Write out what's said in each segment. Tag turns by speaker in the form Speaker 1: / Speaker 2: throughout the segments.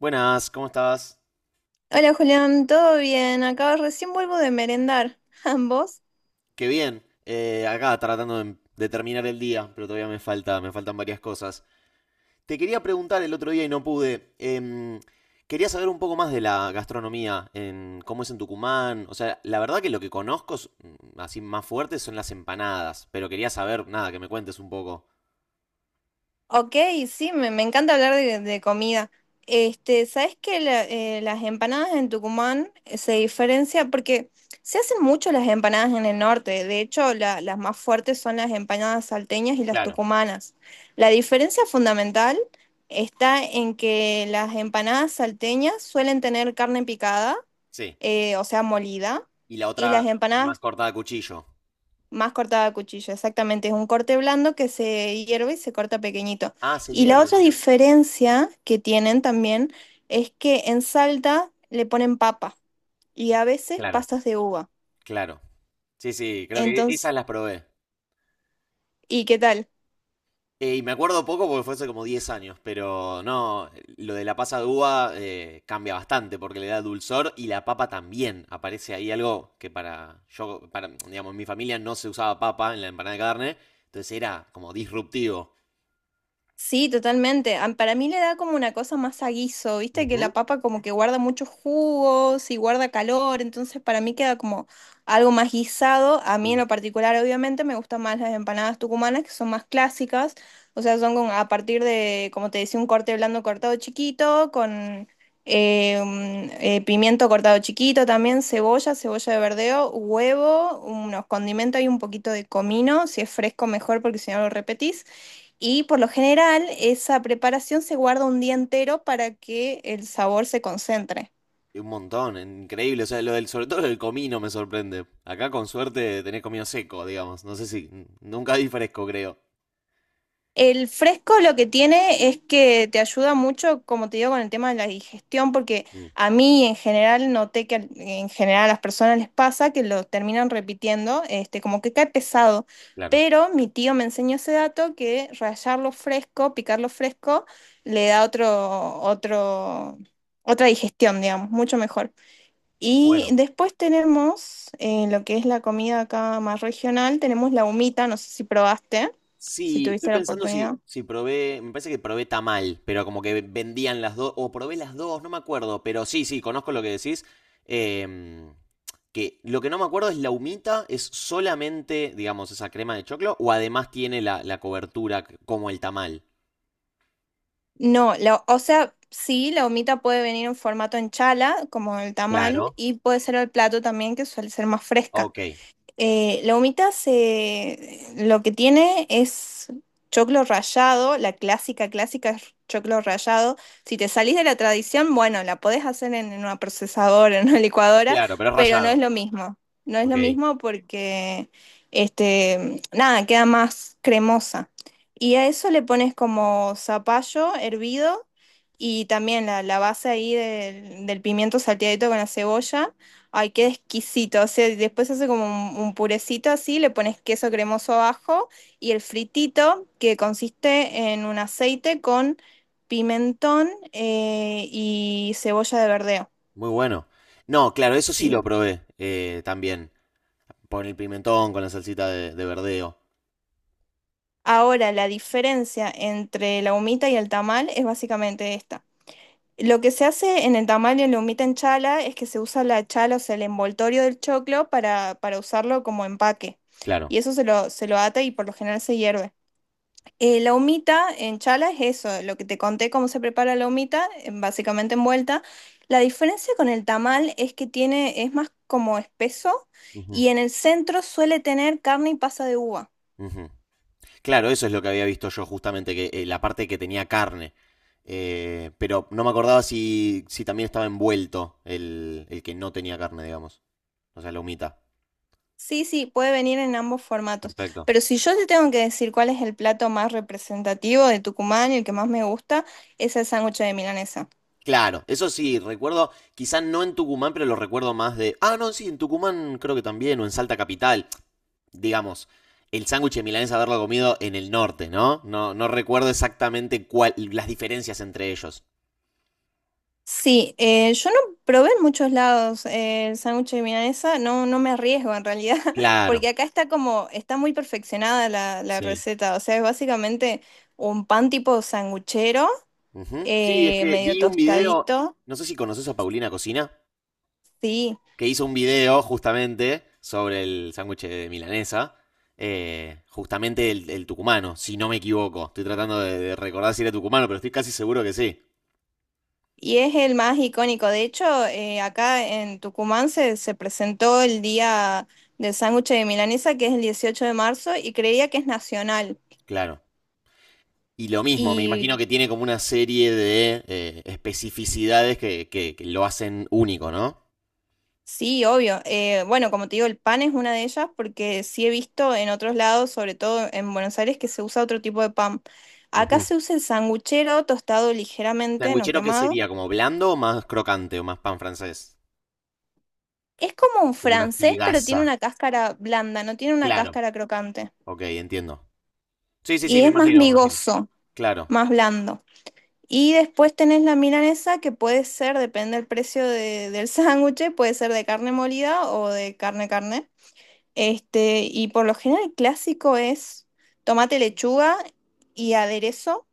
Speaker 1: Buenas, ¿cómo estás?
Speaker 2: Hola Julián, ¿todo bien? Acá recién vuelvo de merendar. ¿Ambos?
Speaker 1: Qué bien. Acá tratando de terminar el día, pero todavía me faltan varias cosas. Te quería preguntar el otro día y no pude. Quería saber un poco más de la gastronomía, en cómo es en Tucumán. O sea, la verdad que lo que conozco así más fuerte son las empanadas, pero quería saber, nada, que me cuentes un poco.
Speaker 2: Ok, sí, me encanta hablar de comida. Este, ¿sabes que las empanadas en Tucumán se diferencia? Porque se hacen mucho las empanadas en el norte. De hecho, las más fuertes son las empanadas salteñas y las
Speaker 1: Claro,
Speaker 2: tucumanas. La diferencia fundamental está en que las empanadas salteñas suelen tener carne picada
Speaker 1: sí.
Speaker 2: o sea, molida,
Speaker 1: Y la
Speaker 2: y las
Speaker 1: otra más
Speaker 2: empanadas
Speaker 1: cortada a cuchillo.
Speaker 2: más cortada a cuchillo, exactamente. Es un corte blando que se hierve y se corta pequeñito.
Speaker 1: Ah, se
Speaker 2: Y la
Speaker 1: hierve,
Speaker 2: otra
Speaker 1: mira.
Speaker 2: diferencia que tienen también es que en Salta le ponen papa y a veces
Speaker 1: Claro,
Speaker 2: pasas de uva.
Speaker 1: claro. Sí, sí, creo que
Speaker 2: Entonces,
Speaker 1: esas las probé.
Speaker 2: ¿y qué tal?
Speaker 1: Y me acuerdo poco porque fue hace como 10 años, pero no, lo de la pasa de uva cambia bastante porque le da dulzor y la papa también. Aparece ahí algo que para, digamos, en mi familia no se usaba papa en la empanada de carne, entonces era como disruptivo.
Speaker 2: Sí, totalmente. Para mí le da como una cosa más a guiso, viste que
Speaker 1: Ujú,
Speaker 2: la papa como que guarda muchos jugos y guarda calor, entonces para mí queda como algo más guisado. A mí en
Speaker 1: mm.
Speaker 2: lo particular, obviamente, me gustan más las empanadas tucumanas, que son más clásicas, o sea, son a partir de, como te decía, un corte blando cortado chiquito, con un pimiento cortado chiquito también, cebolla, cebolla de verdeo, huevo, unos condimentos y un poquito de comino, si es fresco mejor porque si no lo repetís. Y por lo general, esa preparación se guarda un día entero para que el sabor se concentre.
Speaker 1: Y un montón, increíble. O sea, lo del, sobre todo lo del comino me sorprende. Acá con suerte tenés comino seco, digamos. No sé si, nunca di fresco, creo.
Speaker 2: El fresco lo que tiene es que te ayuda mucho, como te digo, con el tema de la digestión, porque
Speaker 1: Mm,
Speaker 2: a mí en general noté que en general a las personas les pasa que lo terminan repitiendo, este, como que cae pesado.
Speaker 1: claro.
Speaker 2: Pero mi tío me enseñó ese dato que rallarlo fresco, picarlo fresco, le da otra digestión, digamos, mucho mejor. Y
Speaker 1: Bueno,
Speaker 2: después tenemos lo que es la comida acá más regional, tenemos la humita, no sé si probaste, si
Speaker 1: sí, estoy
Speaker 2: tuviste la
Speaker 1: pensando si,
Speaker 2: oportunidad.
Speaker 1: si probé, me parece que probé tamal, pero como que vendían las dos, o probé las dos, no me acuerdo, pero sí, sí, conozco lo que decís. em, que lo que no me acuerdo es la humita, es solamente, digamos, esa crema de choclo, o además tiene la cobertura como el tamal.
Speaker 2: No, o sea, sí, la humita puede venir en formato en chala, como el tamal,
Speaker 1: Claro.
Speaker 2: y puede ser el plato también, que suele ser más fresca.
Speaker 1: Ok,
Speaker 2: La humita, lo que tiene es choclo rallado, la clásica, clásica es choclo rallado. Si te salís de la tradición, bueno, la podés hacer en una procesadora, en una licuadora,
Speaker 1: claro, pero es
Speaker 2: pero no es
Speaker 1: rallado.
Speaker 2: lo mismo. No es
Speaker 1: Ok,
Speaker 2: lo mismo porque, este, nada, queda más cremosa. Y a eso le pones como zapallo hervido y también la base ahí del pimiento salteadito con la cebolla. Ay, qué exquisito. O sea, y después hace como un purecito así, le pones queso cremoso abajo y el fritito que consiste en un aceite con pimentón y cebolla de verdeo.
Speaker 1: muy bueno. No, claro, eso sí
Speaker 2: Sí.
Speaker 1: lo probé también, con el pimentón, con la salsita de verdeo.
Speaker 2: Ahora, la diferencia entre la humita y el tamal es básicamente esta. Lo que se hace en el tamal y en la humita en chala es que se usa la chala, o sea, el envoltorio del choclo para usarlo como empaque.
Speaker 1: Claro.
Speaker 2: Y eso se lo ata y por lo general se hierve. La humita en chala es eso, lo que te conté cómo se prepara la humita, básicamente envuelta. La diferencia con el tamal es que tiene, es más como espeso
Speaker 1: Ujú,
Speaker 2: y en el centro suele tener carne y pasa de uva.
Speaker 1: ujú. Claro, eso es lo que había visto yo justamente, que la parte que tenía carne. Pero no me acordaba si, también estaba envuelto el que no tenía carne, digamos. O sea, la humita.
Speaker 2: Sí, sí, puede venir en ambos formatos.
Speaker 1: Perfecto.
Speaker 2: Pero si yo te tengo que decir cuál es el plato más representativo de Tucumán y el que más me gusta, es el sándwich de milanesa.
Speaker 1: Claro, eso sí, recuerdo, quizás no en Tucumán, pero lo recuerdo más de. Ah, no, sí, en Tucumán creo que también, o en Salta Capital. Digamos, el sándwich de milanesa haberlo comido en el norte, ¿no? No, no recuerdo exactamente cuál, las diferencias entre ellos.
Speaker 2: Sí, yo no probé en muchos lados el sándwich de milanesa, no, no me arriesgo en realidad,
Speaker 1: Claro.
Speaker 2: porque acá está como, está muy perfeccionada la
Speaker 1: Sí.
Speaker 2: receta, o sea, es básicamente un pan tipo sanguchero,
Speaker 1: Ujú. Sí, es que
Speaker 2: medio
Speaker 1: vi un video,
Speaker 2: tostadito,
Speaker 1: no sé si conoces a Paulina Cocina,
Speaker 2: sí,
Speaker 1: que hizo un video justamente sobre el sándwich de milanesa, justamente el tucumano, si no me equivoco. Estoy tratando de recordar si era tucumano, pero estoy casi seguro que sí.
Speaker 2: y es el más icónico. De hecho, acá en Tucumán se presentó el día del sándwich de milanesa, que es el 18 de marzo, y creía que es nacional.
Speaker 1: Claro. Y lo mismo, me imagino que tiene como una serie de especificidades que, que lo hacen único, ¿no?
Speaker 2: Sí, obvio. Bueno, como te digo, el pan es una de ellas porque sí he visto en otros lados, sobre todo en Buenos Aires, que se usa otro tipo de pan. Acá
Speaker 1: Ujú.
Speaker 2: se usa el sanguchero tostado ligeramente, no
Speaker 1: ¿Sanguichero qué
Speaker 2: quemado.
Speaker 1: sería? ¿Como blando o más crocante o más pan francés?
Speaker 2: Es como un
Speaker 1: Como una
Speaker 2: francés, pero tiene
Speaker 1: pigaza.
Speaker 2: una cáscara blanda, no tiene una
Speaker 1: Claro.
Speaker 2: cáscara crocante.
Speaker 1: Ok, entiendo. Sí, sí, sí,
Speaker 2: Y
Speaker 1: me
Speaker 2: es más
Speaker 1: imagino, me imagino.
Speaker 2: migoso,
Speaker 1: Claro,
Speaker 2: más blando. Y después tenés la milanesa que puede ser, depende del precio del sándwich, puede ser de carne molida o de carne carne. Este, y por lo general el clásico es tomate, lechuga y aderezo.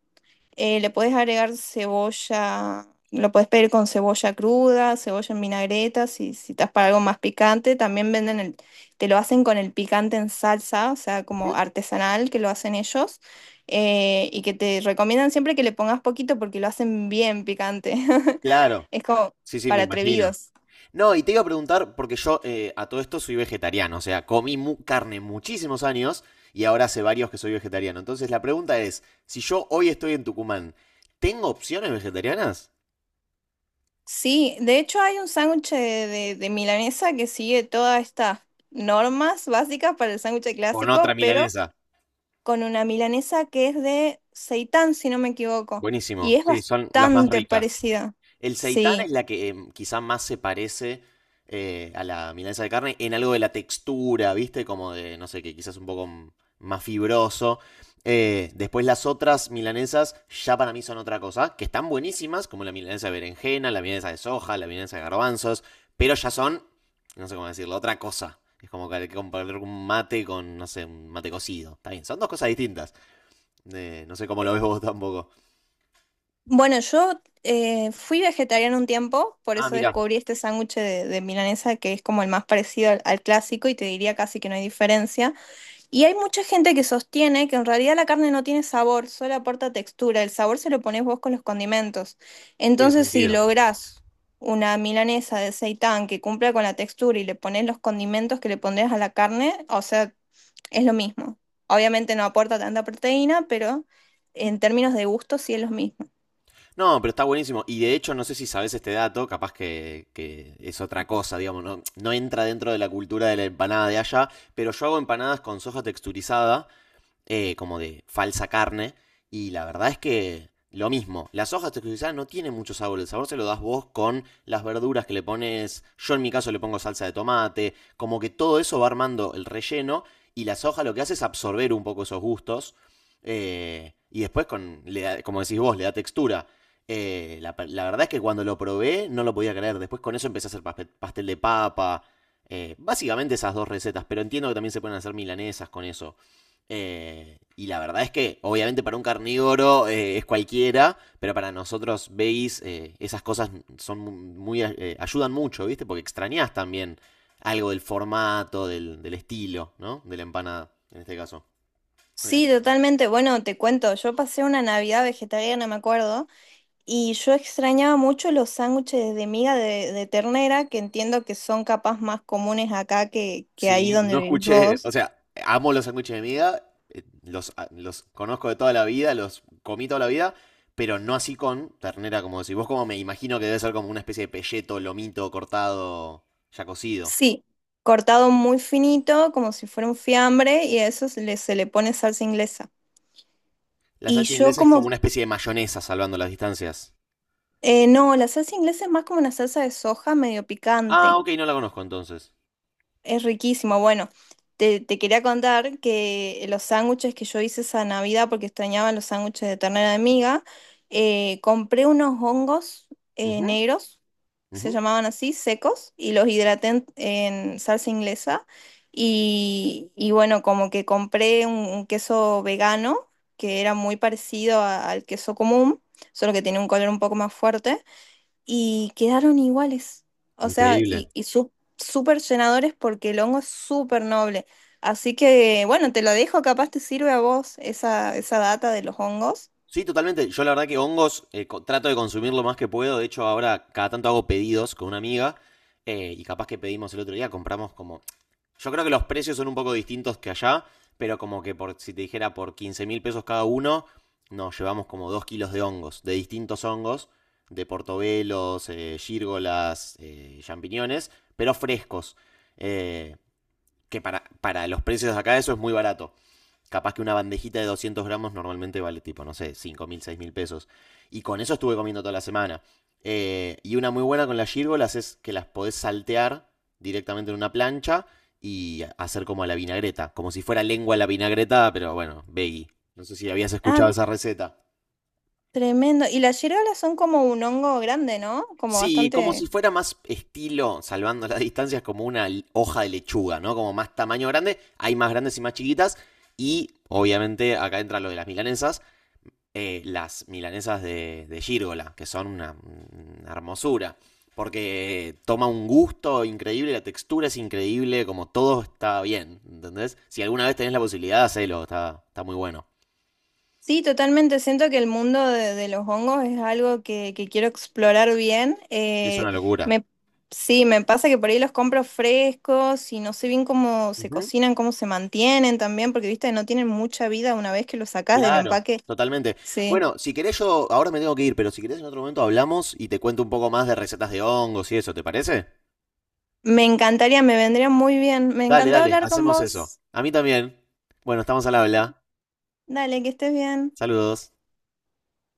Speaker 2: Le puedes agregar cebolla, lo puedes pedir con cebolla cruda, cebolla en vinagreta, si estás para algo más picante. También venden te lo hacen con el picante en salsa, o sea, como
Speaker 1: ujú.
Speaker 2: artesanal que lo hacen ellos. Eh, y que te recomiendan siempre que le pongas poquito porque lo hacen bien picante.
Speaker 1: Claro.
Speaker 2: Es como
Speaker 1: Sí, sí, me
Speaker 2: para
Speaker 1: imagino.
Speaker 2: atrevidos.
Speaker 1: No, y te iba a preguntar, porque yo a todo esto soy vegetariano, o sea, comí carne muchísimos años y ahora hace varios que soy vegetariano. Entonces la pregunta es, si yo hoy estoy en Tucumán, ¿tengo opciones vegetarianas?
Speaker 2: Sí, de hecho hay un sándwich de milanesa que sigue todas estas normas básicas para el sándwich
Speaker 1: Con otra
Speaker 2: clásico, pero
Speaker 1: milanesa.
Speaker 2: con una milanesa que es de seitán, si no me equivoco, y
Speaker 1: Buenísimo.
Speaker 2: es
Speaker 1: Sí, son las más
Speaker 2: bastante
Speaker 1: ricas.
Speaker 2: parecida.
Speaker 1: El seitán
Speaker 2: Sí.
Speaker 1: es la que quizá más se parece a la milanesa de carne en algo de la textura, ¿viste? Como de, no sé, que quizás un poco más fibroso. Después las otras milanesas ya para mí son otra cosa, que están buenísimas, como la milanesa de berenjena, la milanesa de soja, la milanesa de garbanzos, pero ya son, no sé cómo decirlo, otra cosa. Es como que hay que comparar un mate con, no sé, un mate cocido. Está bien, son dos cosas distintas. No sé cómo lo ves vos tampoco.
Speaker 2: Bueno, yo fui vegetariana un tiempo, por
Speaker 1: Ah,
Speaker 2: eso
Speaker 1: mira,
Speaker 2: descubrí este sándwich de milanesa que es como el más parecido al al clásico y te diría casi que no hay diferencia. Y hay mucha gente que sostiene que en realidad la carne no tiene sabor, solo aporta textura. El sabor se lo pones vos con los condimentos.
Speaker 1: tiene
Speaker 2: Entonces, si
Speaker 1: sentido.
Speaker 2: lográs una milanesa de seitán que cumpla con la textura y le pones los condimentos que le pondrías a la carne, o sea, es lo mismo. Obviamente no aporta tanta proteína, pero en términos de gusto sí es lo mismo.
Speaker 1: No, pero está buenísimo. Y de hecho, no sé si sabes este dato, capaz que, es otra cosa, digamos, no, no entra dentro de la cultura de la empanada de allá, pero yo hago empanadas con soja texturizada como de falsa carne. Y la verdad es que lo mismo, las hojas texturizadas no tienen mucho sabor, el sabor se lo das vos con las verduras que le pones, yo en mi caso le pongo salsa de tomate, como que todo eso va armando el relleno y la soja lo que hace es absorber un poco esos gustos y después, como decís vos, le da textura. La verdad es que cuando lo probé no lo podía creer, después con eso empecé a hacer pastel de papa, básicamente esas dos recetas, pero entiendo que también se pueden hacer milanesas con eso. Y la verdad es que, obviamente, para un carnívoro es cualquiera, pero para nosotros veis, esas cosas son muy, ayudan mucho, ¿viste? Porque extrañas también algo del formato, del estilo, ¿no? De la empanada, en este caso. Bueno,
Speaker 2: Sí, totalmente. Bueno, te cuento, yo pasé una Navidad vegetariana, me acuerdo. Y yo extrañaba mucho los sándwiches de miga de ternera, que entiendo que son capaz más comunes acá que ahí
Speaker 1: sí,
Speaker 2: donde
Speaker 1: no
Speaker 2: vivís
Speaker 1: escuché,
Speaker 2: vos.
Speaker 1: o sea, amo los sándwiches de miga, los, los conozco de toda la vida, los comí toda la vida, pero no así con ternera, como decís. Vos como me imagino que debe ser como una especie de pelleto, lomito cortado, ya cocido.
Speaker 2: Sí, cortado muy finito, como si fuera un fiambre, y a eso se le pone salsa inglesa.
Speaker 1: La
Speaker 2: Y
Speaker 1: salsa
Speaker 2: yo
Speaker 1: inglesa es como
Speaker 2: como,
Speaker 1: una especie de mayonesa salvando las distancias.
Speaker 2: no, la salsa inglesa es más como una salsa de soja medio
Speaker 1: Ah,
Speaker 2: picante.
Speaker 1: ok, no la conozco entonces.
Speaker 2: Es riquísimo. Bueno, te quería contar que los sándwiches que yo hice esa Navidad, porque extrañaba los sándwiches de ternera de miga, compré unos hongos
Speaker 1: Ujú,
Speaker 2: negros,
Speaker 1: ujú.
Speaker 2: se llamaban así, secos, y los hidraté en salsa inglesa. Y bueno, como que compré un queso vegano, que era muy parecido al queso común, solo que tiene un color un poco más fuerte y quedaron iguales. O sea,
Speaker 1: Increíble.
Speaker 2: súper llenadores porque el hongo es súper noble. Así que, bueno, te lo dejo, capaz te sirve a vos esa data de los hongos.
Speaker 1: Sí, totalmente. Yo la verdad que hongos trato de consumir lo más que puedo. De hecho, ahora cada tanto hago pedidos con una amiga y capaz que pedimos el otro día, compramos como. Yo creo que los precios son un poco distintos que allá, pero como que por, si te dijera por 15 mil pesos cada uno, nos llevamos como 2 kilos de hongos, de distintos hongos, de portobelos, gírgolas, champiñones, pero frescos. Eh, que para los precios de acá eso es muy barato. Capaz que una bandejita de 200 gramos normalmente vale tipo, no sé, 5.000, 6.000 pesos. Y con eso estuve comiendo toda la semana. Y una muy buena con las gírgolas es que las podés saltear directamente en una plancha y hacer como a la vinagreta. Como si fuera lengua a la vinagreta, pero bueno, veggie. No sé si habías
Speaker 2: Ah,
Speaker 1: escuchado esa receta.
Speaker 2: tremendo. Y las yerolas son como un hongo grande, ¿no? Como
Speaker 1: Sí, como
Speaker 2: bastante...
Speaker 1: si fuera más estilo, salvando las distancias, como una hoja de lechuga, ¿no? Como más tamaño grande, hay más grandes y más chiquitas. Y obviamente acá entra lo de las milanesas de Gírgola, que son una hermosura. Porque toma un gusto increíble, la textura es increíble, como todo está bien, ¿entendés? Si alguna vez tenés la posibilidad, hacelo, está, está muy bueno.
Speaker 2: Sí, totalmente. Siento que el mundo de los hongos es algo que quiero explorar bien.
Speaker 1: Es una locura.
Speaker 2: Me, sí, me pasa que por ahí los compro frescos y no sé bien cómo se
Speaker 1: Ujú,
Speaker 2: cocinan, cómo se mantienen también, porque viste, no tienen mucha vida una vez que los sacás del
Speaker 1: claro,
Speaker 2: empaque.
Speaker 1: totalmente.
Speaker 2: Sí.
Speaker 1: Bueno, si querés yo, ahora me tengo que ir, pero si querés en otro momento hablamos y te cuento un poco más de recetas de hongos y eso, ¿te parece?
Speaker 2: Me encantaría, me vendría muy bien. Me
Speaker 1: Dale,
Speaker 2: encantó
Speaker 1: dale,
Speaker 2: hablar con
Speaker 1: hacemos eso.
Speaker 2: vos.
Speaker 1: A mí también. Bueno, estamos al habla.
Speaker 2: Dale, que estés bien.
Speaker 1: Saludos.